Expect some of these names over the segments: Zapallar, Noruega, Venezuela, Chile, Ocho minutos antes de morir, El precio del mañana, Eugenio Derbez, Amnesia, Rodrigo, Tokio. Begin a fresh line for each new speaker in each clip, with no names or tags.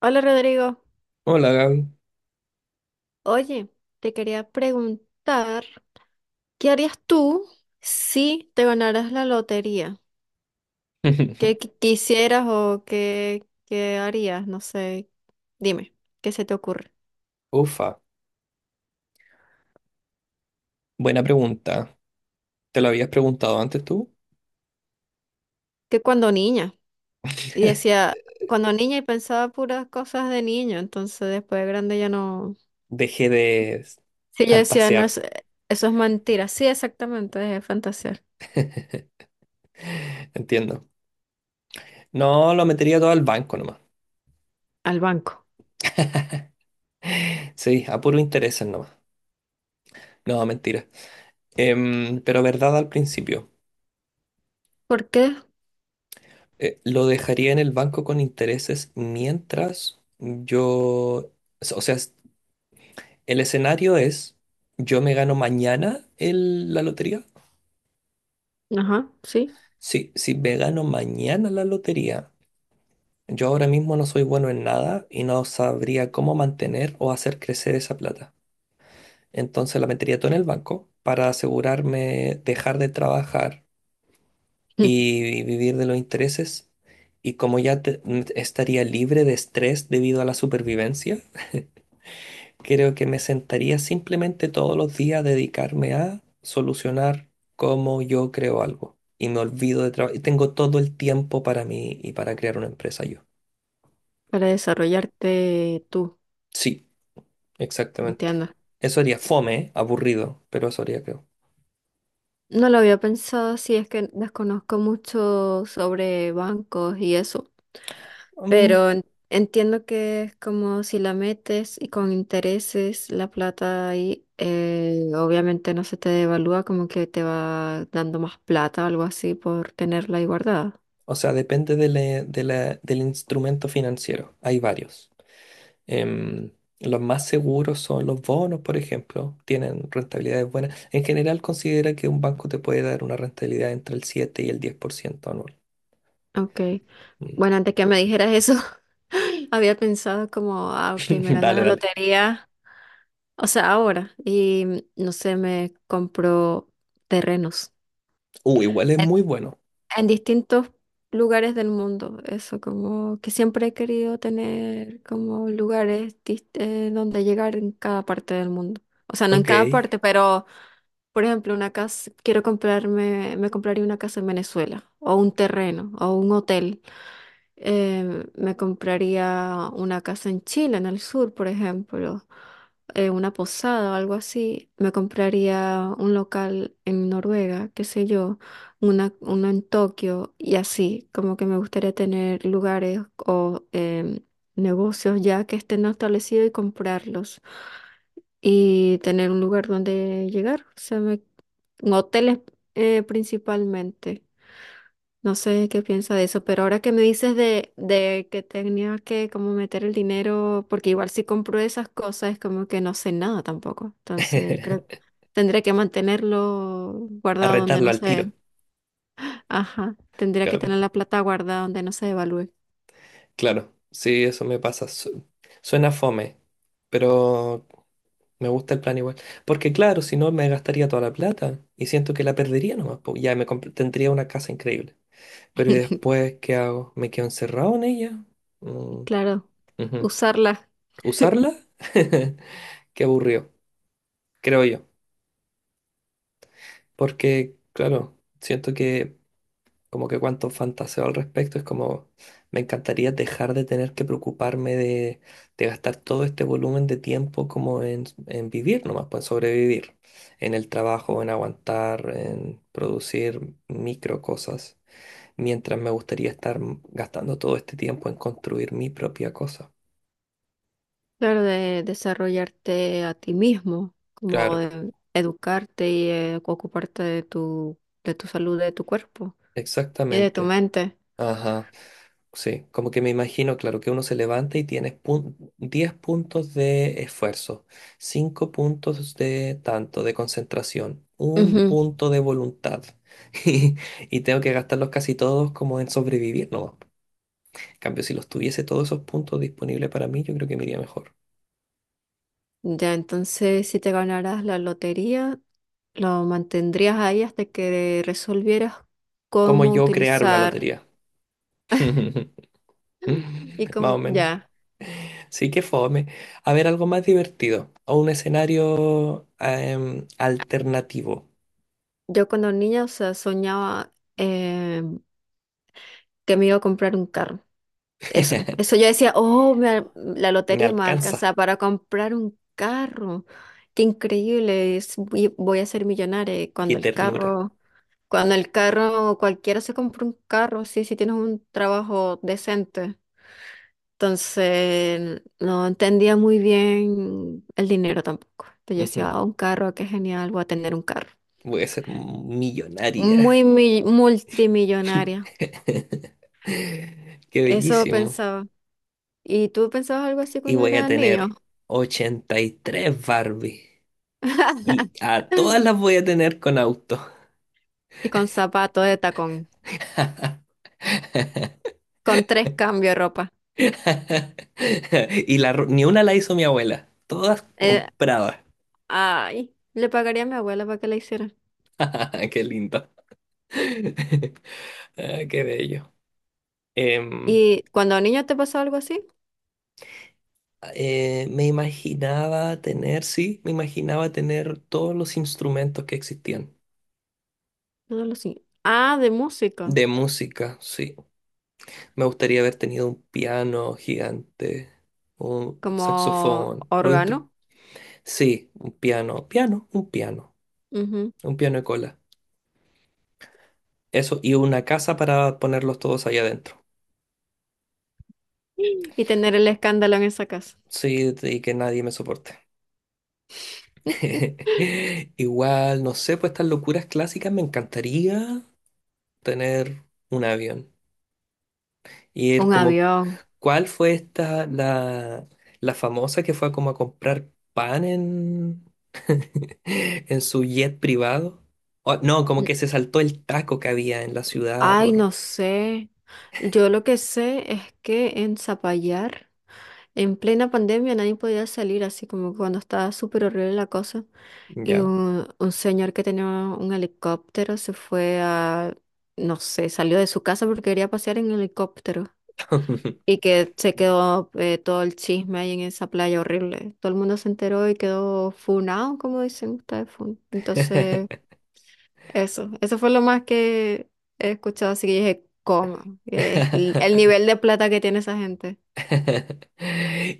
Hola Rodrigo,
Hola, Gaby.
oye, te quería preguntar, ¿qué harías tú si te ganaras la lotería? ¿Qué qui- quisieras o qué harías? No sé, dime, ¿qué se te ocurre?
Ufa, buena pregunta. ¿Te lo habías preguntado antes tú?
Que cuando niña, y decía, cuando niña y pensaba puras cosas de niño, entonces después de grande ya no...
Dejé de
Sí, yo decía, no,
fantasear.
es- Eso es mentira, sí, exactamente, es fantasear.
entiendo. No, lo metería todo al banco nomás.
Al banco.
Sí, a puro interés nomás. No, mentira. Pero verdad al principio,
¿Por qué?
lo dejaría en el banco con intereses mientras yo... O sea, el escenario es, yo me gano mañana la lotería.
Ajá, sí,
Sí, si me gano mañana la lotería. Yo ahora mismo no soy bueno en nada y no sabría cómo mantener o hacer crecer esa plata. Entonces la metería todo en el banco para asegurarme dejar de trabajar y vivir de los intereses. Y como ya estaría libre de estrés debido a la supervivencia, creo que me sentaría simplemente todos los días a dedicarme a solucionar cómo yo creo algo. Y me olvido de trabajar. Y tengo todo el tiempo para mí y para crear una empresa yo.
para desarrollarte tú,
Sí. Exactamente.
entiendo.
Eso haría fome, ¿eh? Aburrido, pero eso haría, creo.
No lo había pensado, sí, es que desconozco mucho sobre bancos y eso,
Mm,
pero entiendo que es como si la metes y con intereses la plata ahí, obviamente no se te devalúa, como que te va dando más plata o algo así por tenerla ahí guardada.
o sea, depende del instrumento financiero. Hay varios. Em, los más seguros son los bonos, por ejemplo. Tienen rentabilidades buenas. En general, considera que un banco te puede dar una rentabilidad entre el 7 y el 10% anual.
Ok,
Mm.
bueno, antes que me dijeras eso, había pensado como, ah, ok, me ganó
Dale,
la
dale.
lotería, o sea, ahora, y no sé, me compro terrenos.
Igual es muy bueno.
En distintos lugares del mundo. Eso, como que siempre he querido tener como lugares donde llegar en cada parte del mundo. O sea, no en
Ok.
cada parte, pero por ejemplo, una casa, quiero comprarme, me compraría una casa en Venezuela, o un terreno, o un hotel, me compraría una casa en Chile, en el sur, por ejemplo, una posada o algo así. Me compraría un local en Noruega, qué sé yo, una, uno en Tokio y así, como que me gustaría tener lugares o negocios ya que estén establecidos y comprarlos y tener un lugar donde llegar, o sea, hoteles, principalmente. No sé qué piensa de eso, pero ahora que me dices de que tenía que como meter el dinero, porque igual si compro esas cosas es como que no sé nada tampoco. Entonces creo que tendría que mantenerlo guardado donde
Arrendarlo
no
al
sé.
tiro.
Ajá, tendría que
Claro,
tener la plata guardada donde no se devalúe.
claro. Sí, eso me pasa. Suena fome, pero me gusta el plan igual. Porque claro, si no me gastaría toda la plata y siento que la perdería nomás, po. Ya tendría una casa increíble. Pero ¿y después qué hago? ¿Me quedo encerrado en ella? Mm,
Claro,
ujú.
usarla,
¿Usarla? Qué aburrido, creo yo. Porque claro, siento que como que cuánto fantaseo al respecto, es como me encantaría dejar de tener que preocuparme de gastar todo este volumen de tiempo como en vivir nomás, pues en sobrevivir, en el trabajo, en aguantar, en producir micro cosas, mientras me gustaría estar gastando todo este tiempo en construir mi propia cosa.
claro, de desarrollarte a ti mismo, como
Claro,
de educarte y ocuparte de tu salud, de tu cuerpo y de tu
exactamente.
mente.
Ajá. Sí, como que me imagino, claro, que uno se levanta y tienes 10 puntos de esfuerzo, 5 puntos de tanto, de concentración, un
Ujú.
punto de voluntad. Y, y tengo que gastarlos casi todos como en sobrevivir, ¿no? En cambio, si los tuviese todos esos puntos disponibles para mí, yo creo que me iría mejor.
Ya, entonces si te ganaras la lotería, lo mantendrías ahí hasta que resolvieras
Como
cómo
yo crear una
utilizar.
lotería.
Y
Más o
como,
menos.
ya,
Sí, que fome. A ver, algo más divertido o un escenario alternativo.
yo cuando niña, o sea, soñaba que me iba a comprar un carro. Eso yo decía, oh, la
Me
lotería me
alcanza.
alcanza para comprar un carro. Qué increíble, voy, voy a ser millonaria. Y
Qué ternura.
cuando el carro, cualquiera se compra un carro, sí, si tienes un trabajo decente. Entonces, no entendía muy bien el dinero tampoco. Entonces yo decía,
Ujú.
ah, un carro, qué genial, voy a tener un carro.
Voy a ser millonaria.
Multimillonaria.
Qué
Eso
bellísimo.
pensaba. ¿Y tú pensabas algo así
Y
cuando
voy a
eras niño?
tener 83 Barbie. Y a todas las voy a tener con auto.
Y con zapato de tacón, con tres cambios de ropa.
Y ni una la hizo mi abuela. Todas
Eh,
compradas.
ay, le pagaría a mi abuela para que la hiciera.
Qué lindo. Ah, qué bello. Em,
¿Y cuando niño te pasó algo así?
Me imaginaba tener, sí, me imaginaba tener todos los instrumentos que existían.
No lo sé. Ah, de música,
De música, sí. Me gustaría haber tenido un piano gigante, un
como
saxofón, lo intro.
órgano.
Sí, un piano, piano, un piano, un piano de cola. Eso, y una casa para ponerlos todos ahí adentro.
Y tener el escándalo en esa casa.
Sí, y que nadie me soporte. Igual, no sé, pues estas locuras clásicas me encantaría tener un avión. Y él
Un
como,
avión.
¿cuál fue esta, la famosa que fue como a comprar pan en, en su jet privado? No, como que
Mm,
se saltó el taco que había en la ciudad
ay,
por...
no sé. Yo lo que sé es que en Zapallar, en plena pandemia, nadie podía salir, así como cuando estaba súper horrible la cosa. Y
Ya.
un señor que tenía un helicóptero se fue a, no sé, salió de su casa porque quería pasear en helicóptero. Y que se quedó todo el chisme ahí en esa playa horrible. Todo el mundo se enteró y quedó funado, como dicen ustedes, fun. Entonces eso fue lo más que he escuchado, así que yo dije, ¿cómo? Es el nivel de plata que tiene esa gente.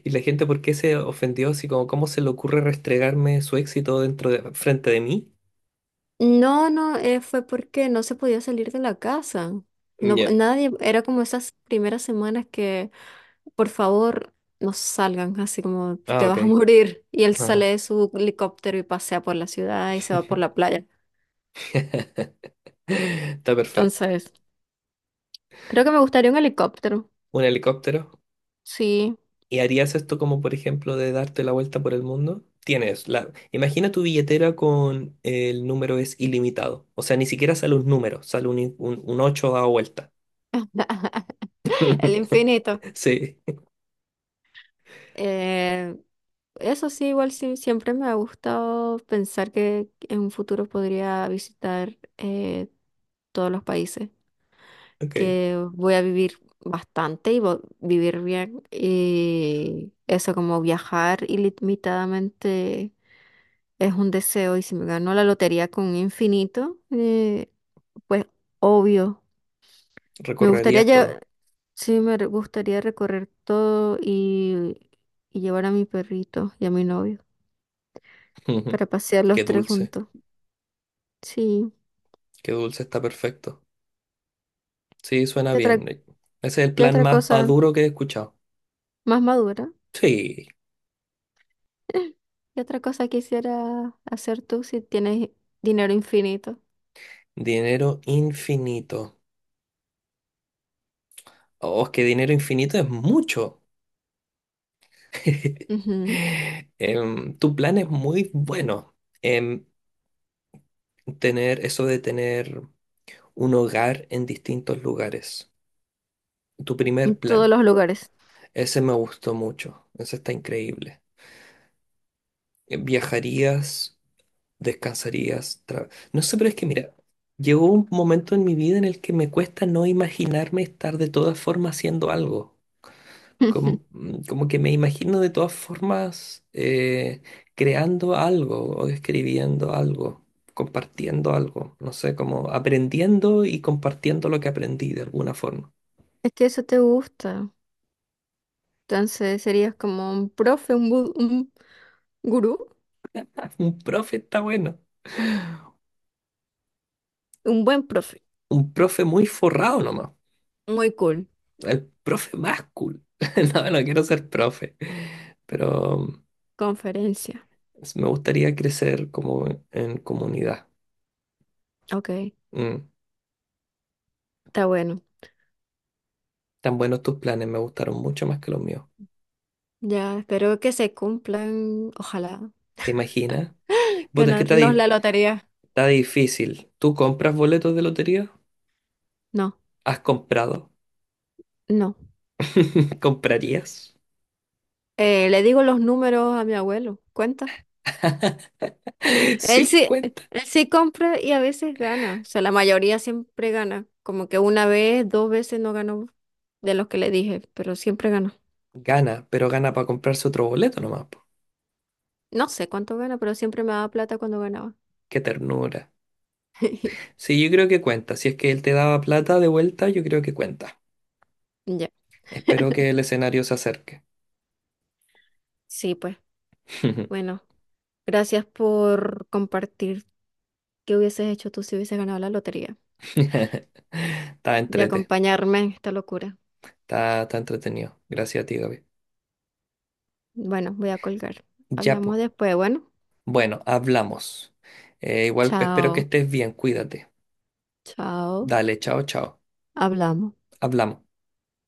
Y la gente, ¿por qué se ofendió? Así como, ¿cómo se le ocurre restregarme su éxito dentro de, frente de mí?
No, no, fue porque no se podía salir de la casa. No,
Ya.
nadie, era como esas primeras semanas que, por favor, no salgan, así como
Ah,
te
ok.
vas a morir. Y él sale
Ajá.
de su helicóptero y pasea por la ciudad y se va por la playa.
Está perfecto.
Entonces, creo que me gustaría un helicóptero.
Un helicóptero.
Sí,
¿Y harías esto como, por ejemplo, de darte la vuelta por el mundo? Tienes la... Imagina tu billetera con el número es ilimitado. O sea, ni siquiera sale un número, sale un ocho dado vuelta.
el infinito.
Sí,
Eh, Eso sí, igual sí, siempre me ha gustado pensar que en un futuro podría visitar todos los países,
ok.
que voy a vivir bastante y vivir bien. Y eso como viajar ilimitadamente es un deseo y si me gano la lotería con infinito, pues obvio. Me gustaría,
Recorrerías todo.
sí, me gustaría recorrer todo y llevar a mi perrito y a mi novio para pasear
Qué
los tres
dulce,
juntos. Sí.
qué dulce, está perfecto. Sí, suena
¿Qué otra,
bien. Ese es el
qué
plan
otra
más
cosa
maduro que he escuchado.
más madura?
Sí,
¿Qué otra cosa quisiera hacer tú si tienes dinero infinito?
dinero infinito. Oh, es que dinero infinito es mucho.
Ujú,
Tu plan es muy bueno en tener eso de tener un hogar en distintos lugares. Tu
en
primer plan,
todos los lugares.
ese me gustó mucho, ese está increíble. Viajarías, descansarías, no sé, pero es que mira, llegó un momento en mi vida en el que me cuesta no imaginarme estar de todas formas haciendo algo. com- Como que me imagino de todas formas creando algo o escribiendo algo, compartiendo algo, no sé, como aprendiendo y compartiendo lo que aprendí de alguna forma.
Es que eso te gusta. Entonces serías como un profe, un, un gurú,
Un profe está bueno,
un buen profe.
un profe muy forrado nomás,
Muy cool.
el profe más cool. No, no quiero ser profe, pero
Conferencia.
me gustaría crecer como en comunidad.
Ok,
Mm.
está bueno.
Tan buenos tus planes, me gustaron mucho más que los míos.
Ya, espero que se cumplan. Ojalá.
¿Te imaginas? Vos, es que está
Ganarnos la
ahí.
lotería.
Está difícil. ¿Tú compras boletos de lotería?
No,
¿Has comprado?
no.
¿Comprarías?
Le digo los números a mi abuelo. Cuenta.
Sí,
Él
cuenta.
sí compra y a veces gana. O sea, la mayoría siempre gana. Como que una vez, dos veces no ganó de los que le dije, pero siempre ganó.
Gana, pero gana para comprarse otro boleto nomás, po.
No sé cuánto gana, pero siempre me daba plata cuando ganaba.
Qué ternura. Sí, yo creo que cuenta. Si es que él te daba plata de vuelta, yo creo que cuenta.
Ya.
Espero que el escenario se acerque.
Sí, pues, bueno, gracias por compartir qué hubieses hecho tú si hubieses ganado la lotería
Está
y
entrete.
acompañarme en esta locura.
Está entretenido. Gracias a ti, Gaby.
Bueno, voy a colgar.
Ya,
Hablamos
po.
después. Bueno,
Bueno, hablamos. Igual espero que
chao,
estés bien. Cuídate.
chao.
Dale, chao, chao.
Hablamos.
Hablamos.